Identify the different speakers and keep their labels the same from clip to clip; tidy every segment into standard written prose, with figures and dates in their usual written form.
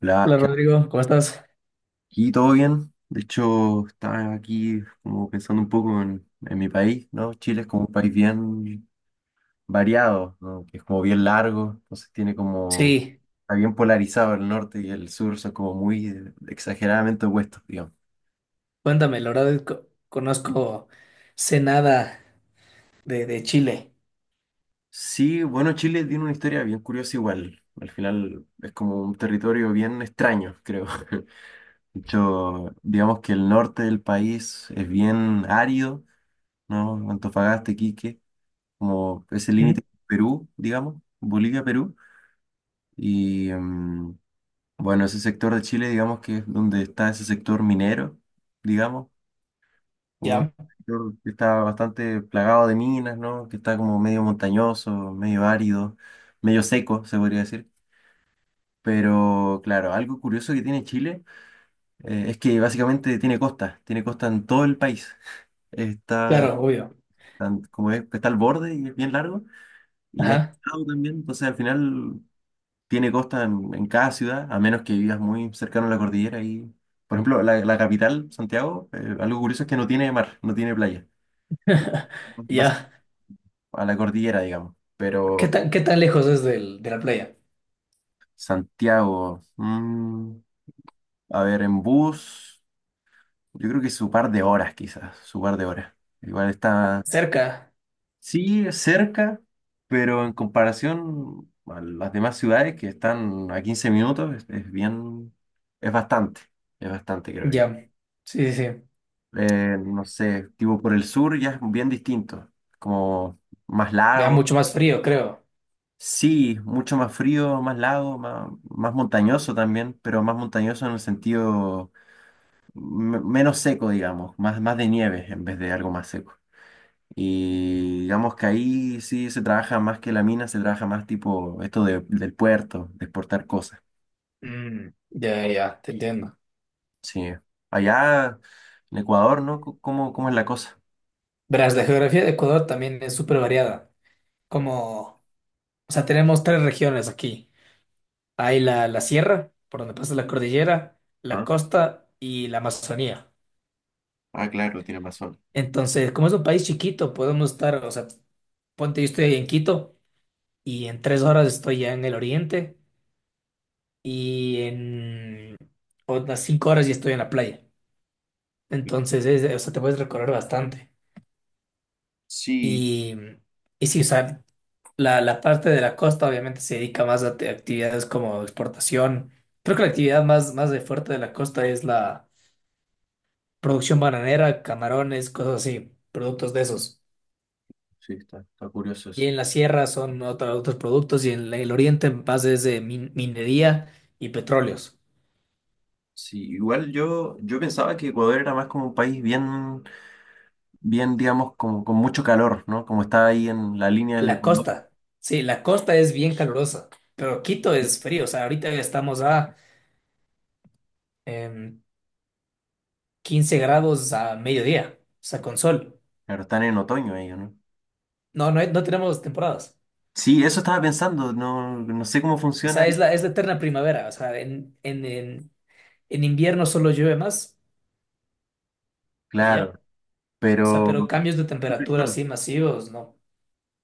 Speaker 1: Hola,
Speaker 2: Hola
Speaker 1: ¿qué onda?
Speaker 2: Rodrigo, ¿cómo estás?
Speaker 1: Aquí todo bien. De hecho, estaba aquí como pensando un poco en mi país, ¿no? Chile es como un país bien variado, ¿no? Que es como bien largo, entonces tiene como,
Speaker 2: Sí,
Speaker 1: está bien polarizado el norte y el sur, son como muy exageradamente opuestos, digamos.
Speaker 2: cuéntame, la verdad conozco sé nada de Chile.
Speaker 1: Sí, bueno, Chile tiene una historia bien curiosa igual. Al final es como un territorio bien extraño, creo. De hecho, digamos que el norte del país es bien árido, ¿no? Antofagasta, Iquique. Como ese
Speaker 2: ¿Mm?
Speaker 1: límite con Perú, digamos, Bolivia-Perú. Y bueno, ese sector de Chile, digamos que es donde está ese sector minero, digamos, como un
Speaker 2: Ya,
Speaker 1: sector que está bastante plagado de minas, ¿no? Que está como medio montañoso, medio árido, medio seco, se podría decir. Pero claro, algo curioso que tiene Chile es que básicamente tiene costa en todo el país. Está,
Speaker 2: claro, obvio.
Speaker 1: está al borde y es bien largo. Y ya está
Speaker 2: Ajá.
Speaker 1: al lado también, entonces al final tiene costa en cada ciudad, a menos que vivas muy cercano a la cordillera. Y, por ejemplo, la capital, Santiago, algo curioso es que no tiene mar, no tiene playa. Más
Speaker 2: Ya.
Speaker 1: a la cordillera, digamos.
Speaker 2: ¿Qué
Speaker 1: Pero
Speaker 2: tan, qué tan lejos es del, de la playa?
Speaker 1: Santiago, mm, a ver, en bus, yo creo que su par de horas, quizás, su par de horas. Igual está,
Speaker 2: Cerca.
Speaker 1: sí, cerca, pero en comparación a las demás ciudades que están a 15 minutos, es bien, es bastante, es bastante, creo yo.
Speaker 2: Ya. Sí, sí, sí.
Speaker 1: No sé, tipo por el sur ya es bien distinto, como más
Speaker 2: Ya
Speaker 1: lago,
Speaker 2: mucho más frío, creo.
Speaker 1: sí, mucho más frío, más lago, más montañoso también, pero más montañoso en el sentido menos seco, digamos, más de nieve en vez de algo más seco. Y digamos que ahí sí se trabaja más que la mina, se trabaja más tipo del puerto, de exportar cosas.
Speaker 2: Mm, ya, ya, te entiendo.
Speaker 1: Sí, allá en Ecuador, ¿no? ¿Cómo, cómo es la cosa?
Speaker 2: Verás, la geografía de Ecuador también es súper variada. Como, o sea, tenemos tres regiones aquí. Hay la sierra, por donde pasa la cordillera, la
Speaker 1: Ah,
Speaker 2: costa y la Amazonía.
Speaker 1: ah, claro, tiene razón.
Speaker 2: Entonces, como es un país chiquito, podemos estar, o sea, ponte, yo estoy en Quito y en 3 horas estoy ya en el oriente y en otras 5 horas ya estoy en la playa. Entonces, o sea, te puedes recorrer bastante.
Speaker 1: Sí.
Speaker 2: Y, y sí, o sea, la parte de la costa obviamente se dedica más a actividades como exportación. Creo que la actividad más de fuerte de la costa es la producción bananera, camarones, cosas así, productos de esos.
Speaker 1: Sí, está, está curioso
Speaker 2: Y
Speaker 1: eso.
Speaker 2: en la sierra son otros productos y en el oriente más es de minería y petróleos.
Speaker 1: Sí, igual yo pensaba que Ecuador era más como un país bien, bien, digamos, como con mucho calor, ¿no? Como está ahí en la línea del
Speaker 2: La
Speaker 1: Ecuador.
Speaker 2: costa, sí, la costa es bien calurosa, pero Quito
Speaker 1: Sí.
Speaker 2: es frío, o sea, ahorita estamos a em, 15 grados a mediodía, o sea, con sol.
Speaker 1: Claro, están en otoño ellos, ¿no?
Speaker 2: No, no, no tenemos temporadas,
Speaker 1: Sí, eso estaba pensando, no, no sé cómo
Speaker 2: o
Speaker 1: funciona
Speaker 2: sea,
Speaker 1: ahí.
Speaker 2: es la eterna primavera, o sea, en invierno solo llueve más y
Speaker 1: Claro,
Speaker 2: ya, o sea,
Speaker 1: pero
Speaker 2: pero cambios de temperatura así masivos, no.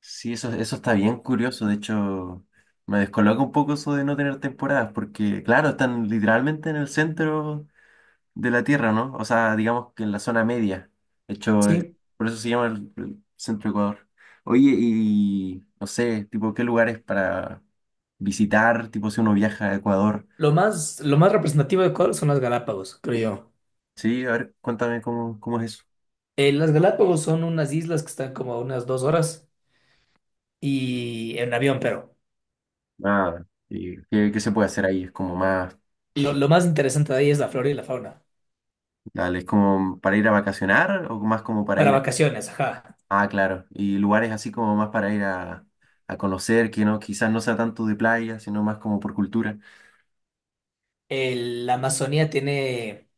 Speaker 1: sí, eso está bien curioso. De hecho, me descoloca un poco eso de no tener temporadas, porque claro, están literalmente en el centro de la Tierra, ¿no? O sea, digamos que en la zona media. De hecho,
Speaker 2: Sí,
Speaker 1: por eso se llama el centro de Ecuador. Oye, y no sé, tipo, ¿qué lugares para visitar? Tipo, si uno viaja a Ecuador.
Speaker 2: lo más representativo de Ecuador son las Galápagos, creo yo.
Speaker 1: Sí, a ver, cuéntame cómo, cómo es eso.
Speaker 2: Las Galápagos son unas islas que están como a unas 2 horas y en avión, pero
Speaker 1: Nada. ¿Y qué, qué se puede hacer ahí? Es como más,
Speaker 2: lo más interesante de ahí es la flora y la fauna.
Speaker 1: dale, es como para ir a vacacionar o más como para
Speaker 2: Para
Speaker 1: ir.
Speaker 2: vacaciones, ajá.
Speaker 1: Ah, claro. Y lugares así como más para ir a conocer, que no, quizás no sea tanto de playa, sino más como por cultura.
Speaker 2: El- la Amazonía tiene,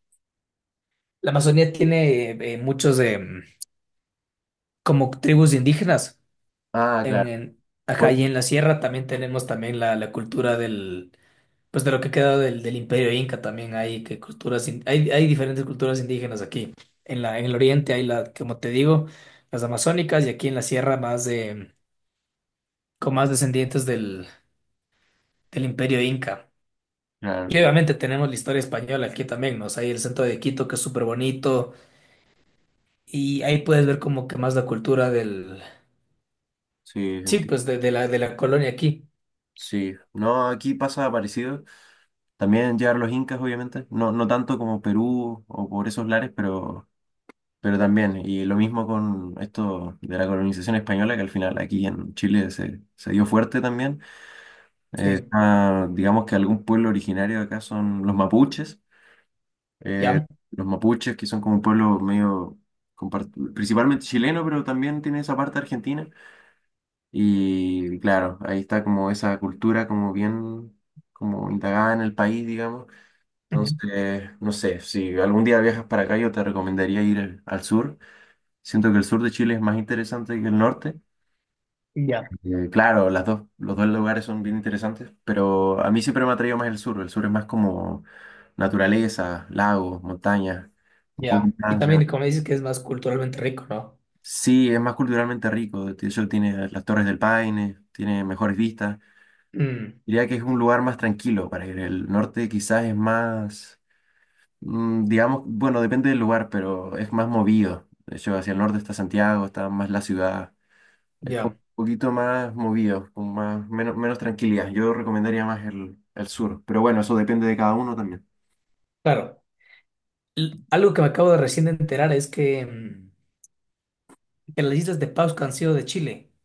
Speaker 2: la Amazonía tiene muchos como tribus indígenas.
Speaker 1: Ah,
Speaker 2: En,
Speaker 1: claro.
Speaker 2: en- ajá, y
Speaker 1: Pueblo.
Speaker 2: en la sierra también tenemos también la cultura del, pues de lo que queda del Imperio Inca también hay que culturas, hay diferentes culturas indígenas aquí. En el oriente hay la, como te digo, las amazónicas y aquí en la sierra más de con más descendientes del Imperio Inca. Y
Speaker 1: Claro,
Speaker 2: obviamente tenemos la historia española aquí también, ¿no? O sea, hay el centro de Quito que es súper bonito y ahí puedes ver como que más la cultura del...
Speaker 1: sí,
Speaker 2: Sí,
Speaker 1: entiendo.
Speaker 2: pues de la colonia aquí.
Speaker 1: Sí, no, aquí pasa parecido. También llegaron los incas, obviamente. No, no tanto como Perú o por esos lares, pero también. Y lo mismo con esto de la colonización española, que al final aquí en Chile se, se dio fuerte también.
Speaker 2: Sí,
Speaker 1: Está, digamos que algún pueblo originario de acá son los mapuches. Eh,
Speaker 2: ya.
Speaker 1: los mapuches, que son como un pueblo medio principalmente chileno, pero también tiene esa parte argentina. Y claro, ahí está como esa cultura como bien como indagada en el país, digamos.
Speaker 2: Ujú.
Speaker 1: Entonces, no sé, si algún día viajas para acá, yo te recomendaría ir al sur. Siento que el sur de Chile es más interesante que el norte.
Speaker 2: Ya,
Speaker 1: Claro, los dos lugares son bien interesantes, pero a mí siempre me ha atraído más el sur. El sur es más como naturaleza, lagos, montañas, un poco
Speaker 2: ya. Y
Speaker 1: más de...
Speaker 2: también como dices que es más culturalmente rico, ¿no?
Speaker 1: Sí, es más culturalmente rico. De hecho, tiene las Torres del Paine, tiene mejores vistas.
Speaker 2: Mm,
Speaker 1: Diría que es un lugar más tranquilo para ir. El norte quizás es más, mm, digamos, bueno, depende del lugar, pero es más movido. De hecho, hacia el norte está Santiago, está más la ciudad. Es como
Speaker 2: ya.
Speaker 1: un poquito más movido, con más, menos, menos tranquilidad. Yo recomendaría más el sur, pero bueno, eso depende de cada uno también.
Speaker 2: Claro. Algo que me acabo de recién de enterar es que, que las islas de Pascua han sido de Chile.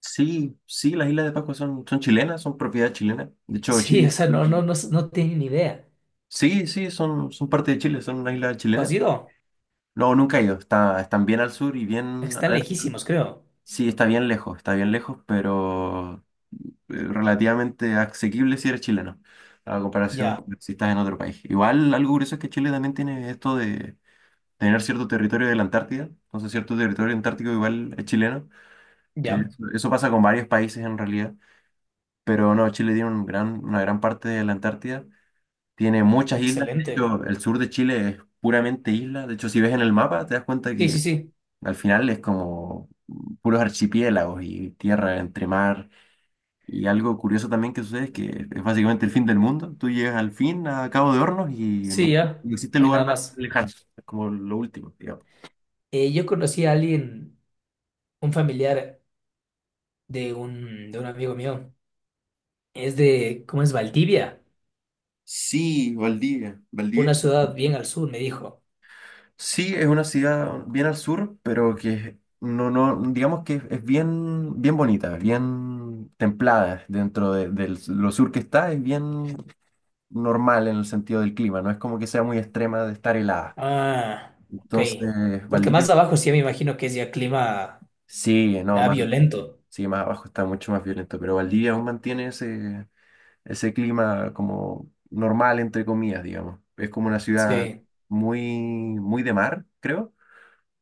Speaker 1: Sí, sí, las Islas de Pascua son, son chilenas, son propiedad chilena. De hecho,
Speaker 2: Sí,
Speaker 1: Chile,
Speaker 2: o sea, no, no,
Speaker 1: igual-
Speaker 2: no, no tienen ni idea.
Speaker 1: sí, sí, son, son parte de Chile, son una isla
Speaker 2: ¿Tú has
Speaker 1: chilena.
Speaker 2: ido?
Speaker 1: No, nunca he ido. Está, están bien al sur y bien...
Speaker 2: Están
Speaker 1: adentro.
Speaker 2: lejísimos, creo.
Speaker 1: Sí, está bien lejos, pero relativamente asequible si eres chileno, a comparación
Speaker 2: Ya.
Speaker 1: de si estás en otro país. Igual algo curioso es que Chile también tiene esto de tener cierto territorio de la Antártida, entonces cierto territorio antártico igual es chileno.
Speaker 2: Ya,
Speaker 1: Eso, eso pasa con varios países en realidad, pero no, Chile tiene un gran, una gran parte de la Antártida, tiene muchas islas, de
Speaker 2: excelente.
Speaker 1: hecho el sur de Chile es puramente isla, de hecho si ves en el mapa te das cuenta
Speaker 2: Sí, sí,
Speaker 1: que
Speaker 2: sí.
Speaker 1: al final es como puros archipiélagos y tierra entre mar. Y algo curioso también que sucede es que es básicamente el fin del mundo. Tú llegas al fin, a Cabo de Hornos, y
Speaker 2: Sí,
Speaker 1: no,
Speaker 2: ya.
Speaker 1: no existe
Speaker 2: No hay
Speaker 1: lugar
Speaker 2: nada
Speaker 1: más
Speaker 2: más.
Speaker 1: lejano. Es como lo último, digamos.
Speaker 2: Yo conocí a alguien, un familiar de un amigo mío. Es de, ¿cómo es? Valdivia,
Speaker 1: Sí, Valdivia.
Speaker 2: una
Speaker 1: Valdivia.
Speaker 2: ciudad bien al sur, me dijo.
Speaker 1: Sí, es una ciudad bien al sur, pero que no, no, digamos que es bien, bien bonita, es bien templada dentro de, lo sur que está, es bien normal en el sentido del clima, no es como que sea muy extrema de estar helada.
Speaker 2: Ah, ok.
Speaker 1: Entonces,
Speaker 2: Porque más
Speaker 1: Valdivia,
Speaker 2: abajo sí me imagino que es ya clima
Speaker 1: sí, no,
Speaker 2: ya
Speaker 1: más,
Speaker 2: violento.
Speaker 1: sí, más abajo está mucho más violento, pero Valdivia aún mantiene ese, ese clima como normal, entre comillas, digamos. Es como una ciudad
Speaker 2: Sí,
Speaker 1: muy, muy de mar, creo,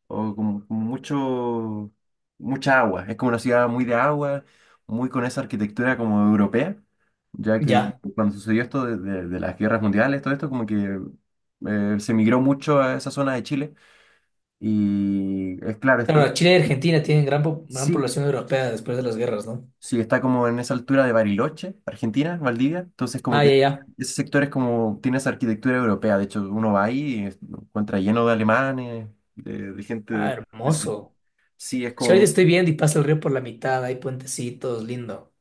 Speaker 1: o como con mucho, mucha agua. Es como una ciudad muy de agua, muy con esa arquitectura como europea, ya que
Speaker 2: ya.
Speaker 1: cuando sucedió esto de las guerras mundiales, todo esto como que se migró mucho a esa zona de Chile y es claro, es, que...
Speaker 2: Claro, Chile y Argentina tienen gran
Speaker 1: Sí,
Speaker 2: población europea después de las guerras, ¿no?
Speaker 1: sí, está como en esa altura de Bariloche, Argentina, Valdivia. Entonces, como
Speaker 2: Ah,
Speaker 1: que
Speaker 2: ya, ya.
Speaker 1: ese sector es como, tiene esa arquitectura europea. De hecho, uno va ahí lo encuentra lleno de alemanes, de gente.
Speaker 2: Ah,
Speaker 1: Esa-
Speaker 2: hermoso.
Speaker 1: Sí, es
Speaker 2: Si ahorita
Speaker 1: como,
Speaker 2: estoy viendo y pasa el río por la mitad, hay puentecitos, lindo.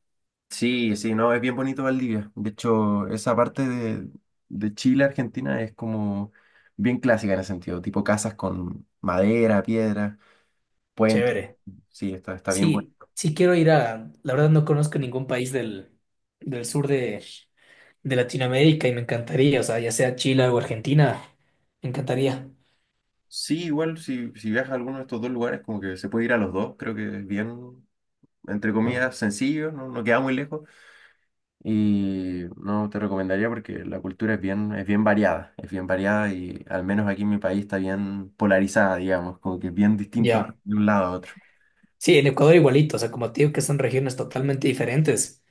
Speaker 1: sí, sí, no, es bien bonito Valdivia. De hecho, esa parte de Chile, Argentina, es como bien clásica en ese sentido. Tipo casas con madera, piedra, puentes.
Speaker 2: Chévere.
Speaker 1: Sí, está, está bien bueno.
Speaker 2: Sí, sí quiero ir a, la verdad no conozco ningún país del sur de Latinoamérica y me encantaría, o sea, ya sea Chile o Argentina, me encantaría.
Speaker 1: Sí, igual si, si viajas a alguno de estos dos lugares, como que se puede ir a los dos, creo que es bien, entre comillas, sencillo, no, no queda muy lejos. Y no te recomendaría porque la cultura es bien variada y al menos aquí en mi país está bien polarizada, digamos, como que es bien distinta
Speaker 2: Ya.
Speaker 1: de un lado a otro.
Speaker 2: Sí, en Ecuador igualito, o sea, como te digo que son regiones totalmente diferentes.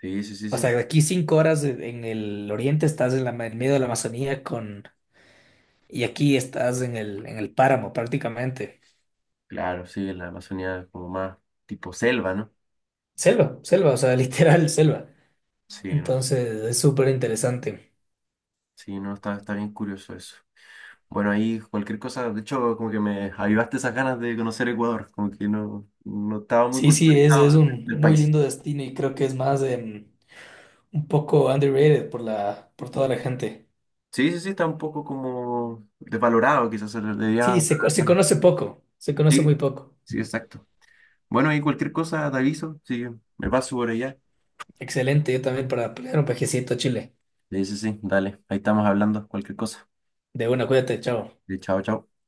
Speaker 1: Sí, sí, sí,
Speaker 2: O sea,
Speaker 1: sí.
Speaker 2: de aquí 5 horas en el oriente estás en medio de la Amazonía con, y aquí estás en el páramo prácticamente.
Speaker 1: Claro, sí, en la Amazonía es como más tipo selva, ¿no?
Speaker 2: Selva, selva, o sea, literal selva.
Speaker 1: Sí, no,
Speaker 2: Entonces es súper interesante.
Speaker 1: sí, no, está, está bien curioso eso. Bueno, ahí cualquier cosa, de hecho, como que me avivaste esas ganas de conocer Ecuador, como que no, no estaba muy
Speaker 2: Sí, sí, es
Speaker 1: culturizado
Speaker 2: un
Speaker 1: del
Speaker 2: muy
Speaker 1: país.
Speaker 2: lindo destino y creo que es más un poco underrated por toda la gente.
Speaker 1: Sí, sí, sí, está un poco como desvalorado, quizás se le
Speaker 2: Sí,
Speaker 1: debería pagar
Speaker 2: se
Speaker 1: más.
Speaker 2: conoce poco, se conoce
Speaker 1: Sí,
Speaker 2: muy poco.
Speaker 1: sí, exacto. Bueno, y cualquier cosa te aviso, sí, me paso por allá.
Speaker 2: Excelente, yo también para pelear un pajecito a Chile.
Speaker 1: Sí, sí, sí, dale, ahí estamos hablando, cualquier cosa.
Speaker 2: De una, cuídate, chao.
Speaker 1: Sí, chao, chao.